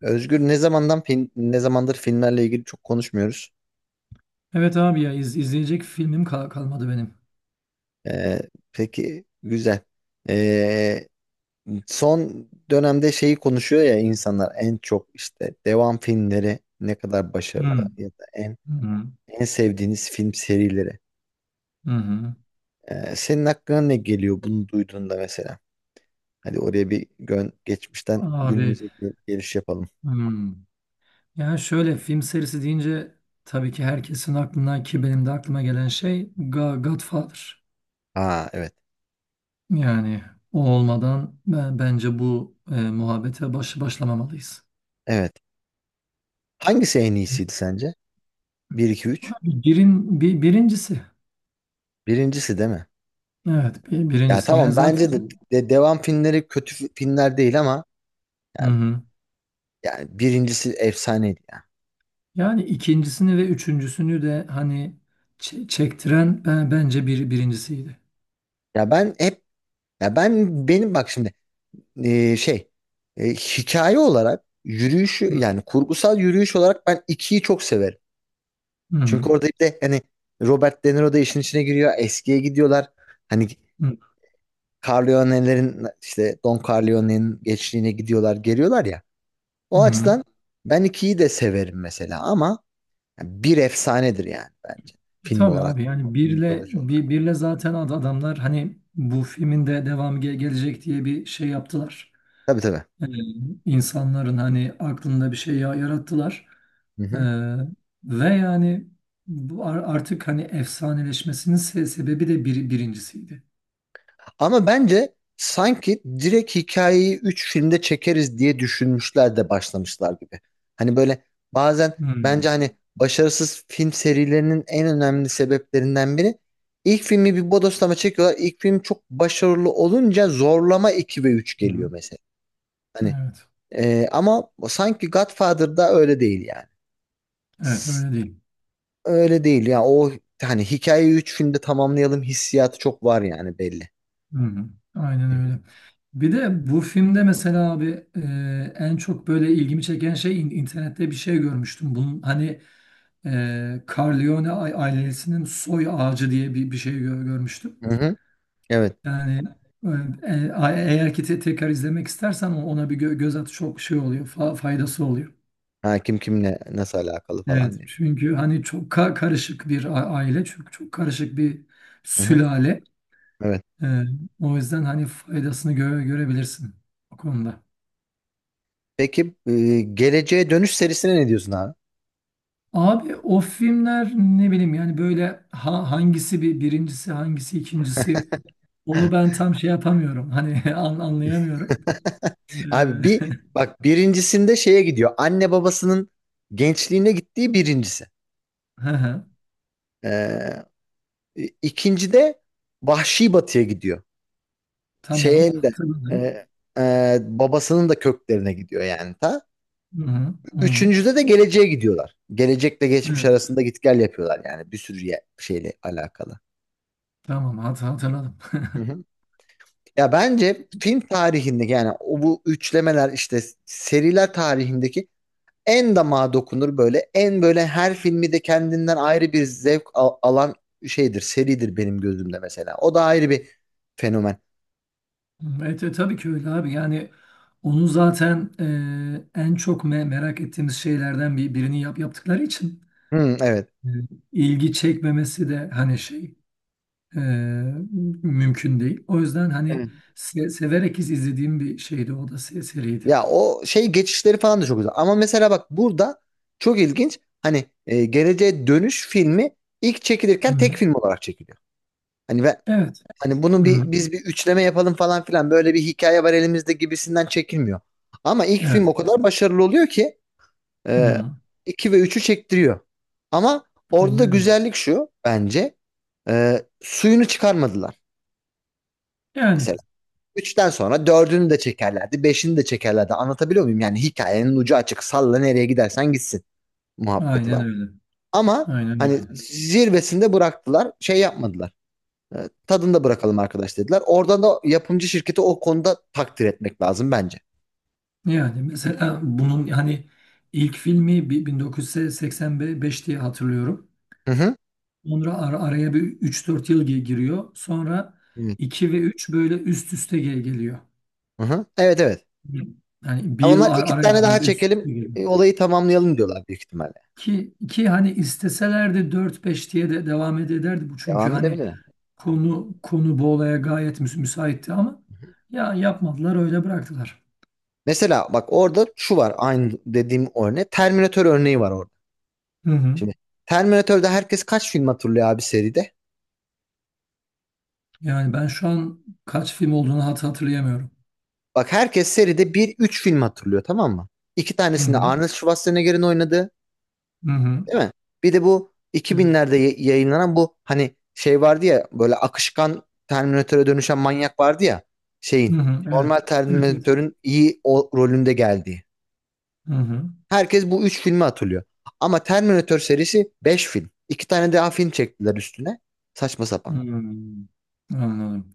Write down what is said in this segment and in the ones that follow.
Özgür ne zamandır filmlerle ilgili çok konuşmuyoruz. Evet abi ya izleyecek filmim kalmadı benim. Ee, peki güzel. Ee, Son dönemde şeyi konuşuyor ya insanlar en çok işte devam filmleri ne kadar başarılı Hmm. ya da en Hı hı. en sevdiğiniz film serileri. Hı. Senin aklına ne geliyor bunu duyduğunda mesela? Hadi oraya bir gön geçmişten Abi. günümüze geliş yapalım. Hmm. Yani şöyle film serisi deyince tabii ki herkesin aklına, ki benim de aklıma gelen şey Godfather. Aa, evet. Yani o olmadan bence bu muhabbete başlamamalıyız. Evet. Hangisi en iyisiydi sence? Bir 2 3. Abi birincisi. Birincisi değil mi? Evet, Ya birincisi. Yani tamam, zaten. bence de, devam filmleri kötü filmler değil ama Hı yani, hı. yani birincisi efsaneydi ya. Yani ikincisini ve üçüncüsünü de hani çektiren bence birincisiydi. Ya ben hep ya ben benim bak şimdi, şey, hikaye olarak yürüyüşü, yani kurgusal yürüyüş olarak ben ikiyi çok severim. Hı hı. Çünkü orada bir de hani Robert De Niro da işin içine giriyor. Eskiye gidiyorlar. Hani Hı Corleone'lerin, işte Don Corleone'nin gençliğine gidiyorlar, geliyorlar ya. hı. O Hı. açıdan ben ikiyi de severim mesela ama yani bir efsanedir yani bence. Film Tabii olarak. abi, yani Film birle, mitoloji olarak. Zaten adamlar hani bu filmin de devamı gelecek diye bir şey yaptılar. Tabii tabii. Ee, insanların hani aklında bir şey yarattılar. Hı Ee, hı. Ve yani bu artık hani efsaneleşmesinin sebebi de birincisiydi. Ama bence sanki direkt hikayeyi 3 filmde çekeriz diye düşünmüşler de başlamışlar gibi. Hani böyle bazen Hı bence hani başarısız film serilerinin en önemli sebeplerinden biri, ilk filmi bir bodoslama çekiyorlar. İlk film çok başarılı olunca zorlama 2 ve 3 geliyor hı. mesela. Hani Evet. Ama sanki Godfather'da öyle değil yani. Evet, öyle değil. Öyle değil ya. O hani hikayeyi 3 filmde tamamlayalım hissiyatı çok var yani, belli. Hı hı. Aynen Hı hı. öyle. Bir de bu filmde mesela abi, en çok böyle ilgimi çeken şey, internette bir şey görmüştüm. Bunun hani Corleone ailesinin soy ağacı diye bir şey görmüştüm. Hı hı. Evet. Yani eğer ki tekrar izlemek istersen ona bir göz at, çok şey oluyor, faydası oluyor. Ha, kim kimle nasıl alakalı Evet, falan diye. çünkü hani çok karışık bir aile, çünkü çok karışık bir Hı hı. sülale. Evet. E, O yüzden hani faydasını görebilirsin o konuda. Peki geleceğe dönüş serisine ne diyorsun abi? Abi, o filmler ne bileyim yani, böyle hangisi birincisi, hangisi ikincisi, onu ben tam şey yapamıyorum. Hani, anlayamıyorum. Ee, Abi bir bak, birincisinde şeye gidiyor. Anne babasının gençliğine gittiği birincisi. hı hı, Ee, ikinci de Vahşi Batı'ya gidiyor. tamam, Şeyin de hatırladım. e, babasının da köklerine gidiyor yani ta. Hı hı, hı hı. Üçüncüde de geleceğe gidiyorlar. Gelecekle geçmiş Evet, arasında git gel yapıyorlar yani, bir sürü şeyle alakalı. tamam, hatırladım. Hı hı. Ya bence film tarihinde, yani o bu üçlemeler, işte seriler tarihindeki en damağa dokunur böyle. En böyle her filmi de kendinden ayrı bir zevk alan şeydir, seridir benim gözümde mesela. O da ayrı bir fenomen. Evet, tabii ki öyle abi. Yani onu zaten en çok merak ettiğimiz şeylerden birini yaptıkları için Hmm, evet. e, ilgi çekmemesi de hani şey, e, mümkün değil. O yüzden hani Evet. Severek izlediğim bir şeydi o da, seriydi. Ya o şey geçişleri falan da çok güzel. Ama mesela bak, burada çok ilginç. Hani Geleceğe Dönüş filmi ilk çekilirken tek Hı. film olarak çekiliyor. Hani ve Evet. hani bunu Hı, biz bir üçleme yapalım falan filan, böyle bir hikaye var elimizde gibisinden çekilmiyor. Ama ilk film evet. o kadar başarılı oluyor ki Ee, Hı, 2 ve üçü çektiriyor. Ama orada da aynen öyle. güzellik şu bence. Suyunu çıkarmadılar. Yani Mesela 3'ten sonra dördünü de çekerlerdi, beşini de çekerlerdi. Anlatabiliyor muyum? Yani hikayenin ucu açık. Salla nereye gidersen gitsin muhabbeti aynen var. öyle. Ama Aynen hani öyle. zirvesinde bıraktılar. Şey yapmadılar. Tadında bırakalım arkadaş dediler. Oradan da yapımcı şirketi o konuda takdir etmek lazım bence. Yani mesela bunun hani ilk filmi 1985 diye hatırlıyorum. Hı hı. Sonra araya bir 3-4 yıl giriyor. Sonra Hı 2 ve 3 böyle üst üste geliyor. hı. Evet evet. Yani bir Ama yıl onlar iki arayla tane daha böyle üst çekelim, üste geliyor. Olayı tamamlayalım diyorlar büyük ihtimalle. Ki hani isteselerdi dört, beş diye de devam ederdi bu. Çünkü Devam hani edebilir. Konu bu olaya gayet müsaitti, ama yapmadılar, öyle bıraktılar. Mesela bak, orada şu var, aynı dediğim örneği. Terminator örneği var orada. Hı hı. Şimdi Terminator'da herkes kaç film hatırlıyor abi seride? Yani ben şu an kaç film olduğunu hatırlayamıyorum. Bak herkes seride üç film hatırlıyor, tamam mı? İki Hı tanesinde hı. Arnold Schwarzenegger'in oynadığı, Hı hı. değil mi? Bir de bu Evet. 2000'lerde yayınlanan bu hani şey vardı ya, böyle akışkan Terminator'a dönüşen manyak vardı ya, Hı şeyin hı. Evet. normal Evet, evet. Terminator'ın iyi o rolünde geldiği. Hı hı. Herkes bu üç filmi hatırlıyor. Ama Terminator serisi 5 film. İki tane daha film çektiler üstüne. Saçma sapan. Hmm. Anladım.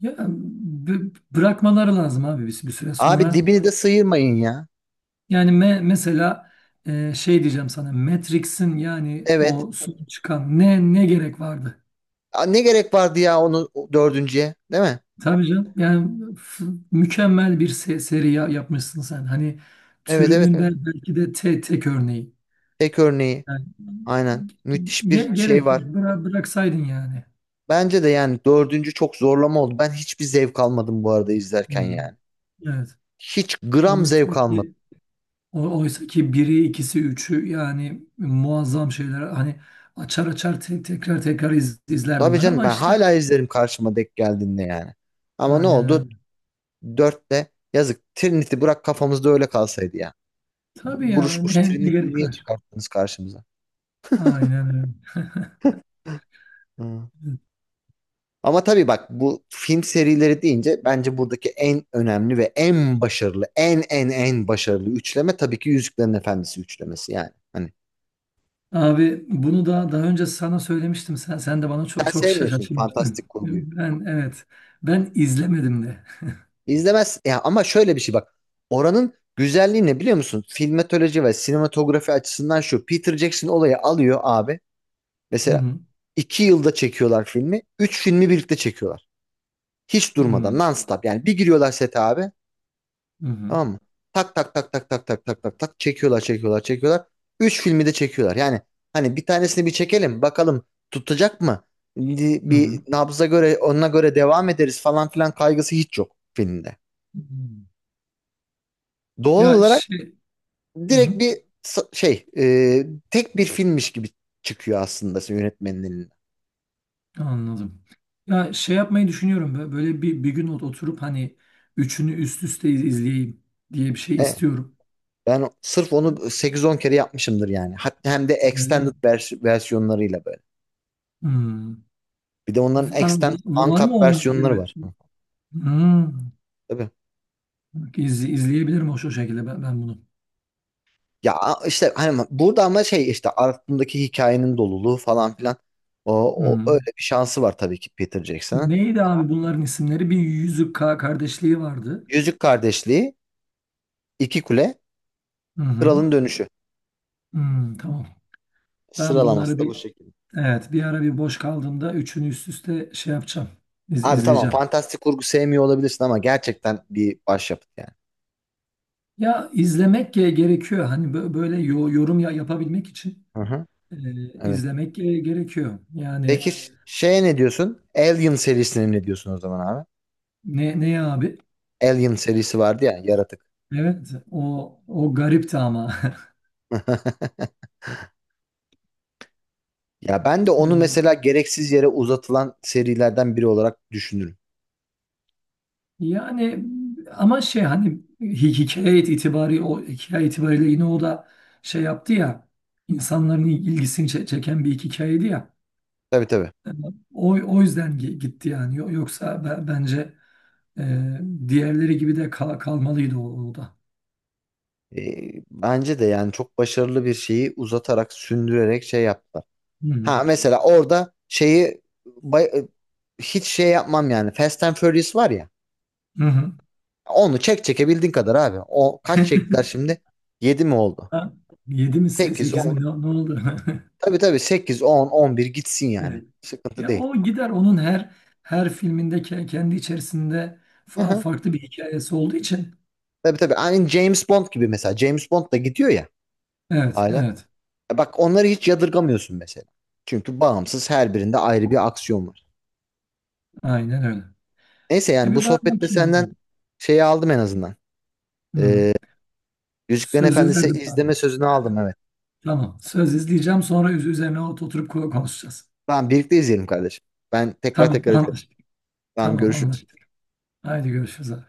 Ya, bırakmaları lazım abi bir süre Abi sonra. dibini de sıyırmayın ya. Yani mesela, şey diyeceğim sana, Matrix'in yani Evet. o son çıkan, ne gerek vardı? Aa, ne gerek vardı ya onu, o dördüncüye, değil mi? Tabii canım, yani mükemmel bir seri yapmışsın sen. Hani Evet evet türünün evet. Belki de tek örneği. Tek örneği. Yani Aynen. Müthiş bir şey gerek yok. var. Bıraksaydın yani. Bence de yani dördüncü çok zorlama oldu. Ben hiçbir zevk almadım bu arada izlerken Hı-hı. yani. Evet. Hiç gram Oysa zevk almadım. ki biri, ikisi, üçü yani muazzam şeyler. Hani açar açar tekrar tekrar izlerdim Tabii ben, canım, ama ben işte, hala izlerim karşıma denk geldiğinde yani. Ama ne aynen oldu? öyle. Dörtte, yazık. Trinity bırak kafamızda öyle kalsaydı ya. Tabii ya, Buruşmuş ne Trinity'yi gerek niye var? çıkarttınız karşımıza? Aynen öyle. Hı. Ama tabii bak, bu film serileri deyince bence buradaki en önemli ve en başarılı, en başarılı üçleme tabii ki Yüzüklerin Efendisi üçlemesi yani. Hani Abi, bunu da daha önce sana söylemiştim. Sen de bana çok sen çok sevmiyorsun şaşırtmıştın. fantastik kurguyu. Ben, evet. Ben izlemedim de. İzlemez ya ama şöyle bir şey bak. Oranın güzelliği ne biliyor musun? Filmatoloji ve sinematografi açısından şu: Peter Jackson olayı alıyor abi. Hı Mesela hı. iki yılda çekiyorlar filmi. Üç filmi birlikte çekiyorlar. Hiç Hı durmadan hı. non-stop. Yani bir giriyorlar sete abi. Hı Tamam mı? Tak tak tak tak tak tak tak tak tak çekiyorlar çekiyorlar çekiyorlar. Üç filmi de çekiyorlar. Yani hani bir tanesini bir çekelim bakalım, tutacak mı? Bir hı. bir Nabza göre ona göre devam ederiz falan filan kaygısı hiç yok filmde. Hı. Doğal Ya olarak şey Hı hı. direkt şey, tek bir filmmiş gibi çıkıyor aslında yönetmenin elinden. Anladım. Ya, şey yapmayı düşünüyorum. Böyle bir gün oturup hani üçünü üst üste izleyeyim diye bir şey E, istiyorum. Ben sırf onu sekiz on kere yapmışımdır yani. Hatta hem de Öyle mi? extended versiyonlarıyla böyle. Hı. Bir de onların extended Var mı uncut onun böyle? versiyonları var. Hı. Hı. Tabii. İzleyebilirim o, şu şekilde ben bunu. Ya işte hani burada ama şey işte aklındaki hikayenin doluluğu falan filan. O, O Hı. öyle bir şansı var tabii ki Peter Jackson'ın. Neydi abi bunların isimleri? Bir Yüzük Kardeşliği vardı. Yüzük Kardeşliği, İki Kule, Hı hı. Kralın Dönüşü. Hı, tamam. Ben Sıralaması bunları da bu şekilde. evet, bir ara, bir boş kaldığımda üçünü üst üste şey yapacağım. Abi tamam, İzleyeceğim. fantastik kurgu sevmiyor olabilirsin ama gerçekten bir başyapıt yani. Ya izlemek gerekiyor. Hani böyle yorum yapabilmek için Hı hı. Evet. izlemek gerekiyor. Yani Peki şeye ne diyorsun? Alien serisine ne diyorsun o zaman abi? Ne abi? Alien serisi vardı ya, yaratık. Evet, o garipti ama. Ya ben de onu mesela gereksiz yere uzatılan serilerden biri olarak düşünürüm. Yani, ama şey hani, hikaye itibariyle yine o da şey yaptı ya, insanların ilgisini çeken bir iki hikayeydi ya. Tabii tabii. Yani o yüzden gitti yani. Yoksa bence e, diğerleri gibi de kalmalıydı o da. Bence de yani çok başarılı bir şeyi uzatarak, sündürerek şey yaptılar. Hı hı. Ha mesela orada şeyi hiç şey yapmam yani. Fast and Furious var ya. Hı hı. Onu çekebildiğin kadar abi. O kaç çektiler şimdi? 7 mi oldu? Ha, yedi mi, 8, sekiz mi, 10. ne oldu? Tabii tabii, sekiz, on bir gitsin yani. Evet. Sıkıntı Ya, değil. o gider, onun her filminde kendi içerisinde farklı bir hikayesi olduğu için. Tabii tabii. Aynı James Bond gibi mesela. James Bond da gidiyor ya Evet, hala. evet. E bak, onları hiç yadırgamıyorsun mesela. Çünkü bağımsız, her birinde ayrı bir aksiyon var. Aynen öyle. Neyse yani bu Bir sohbette bakayım ya. senden şeyi aldım en azından. Hı hı. Ee, Yüzüklerin Sözü Efendisi verdim abi. izleme sözünü aldım, evet. Tamam. Söz, izleyeceğim, sonra üzerine oturup konuşacağız. Tamam, birlikte izleyelim kardeşim. Ben tekrar Tamam, tekrar izlerim. anlaştık. Tamam, Tamam, görüşürüz. anlaştık. Haydi, görüşürüz abi.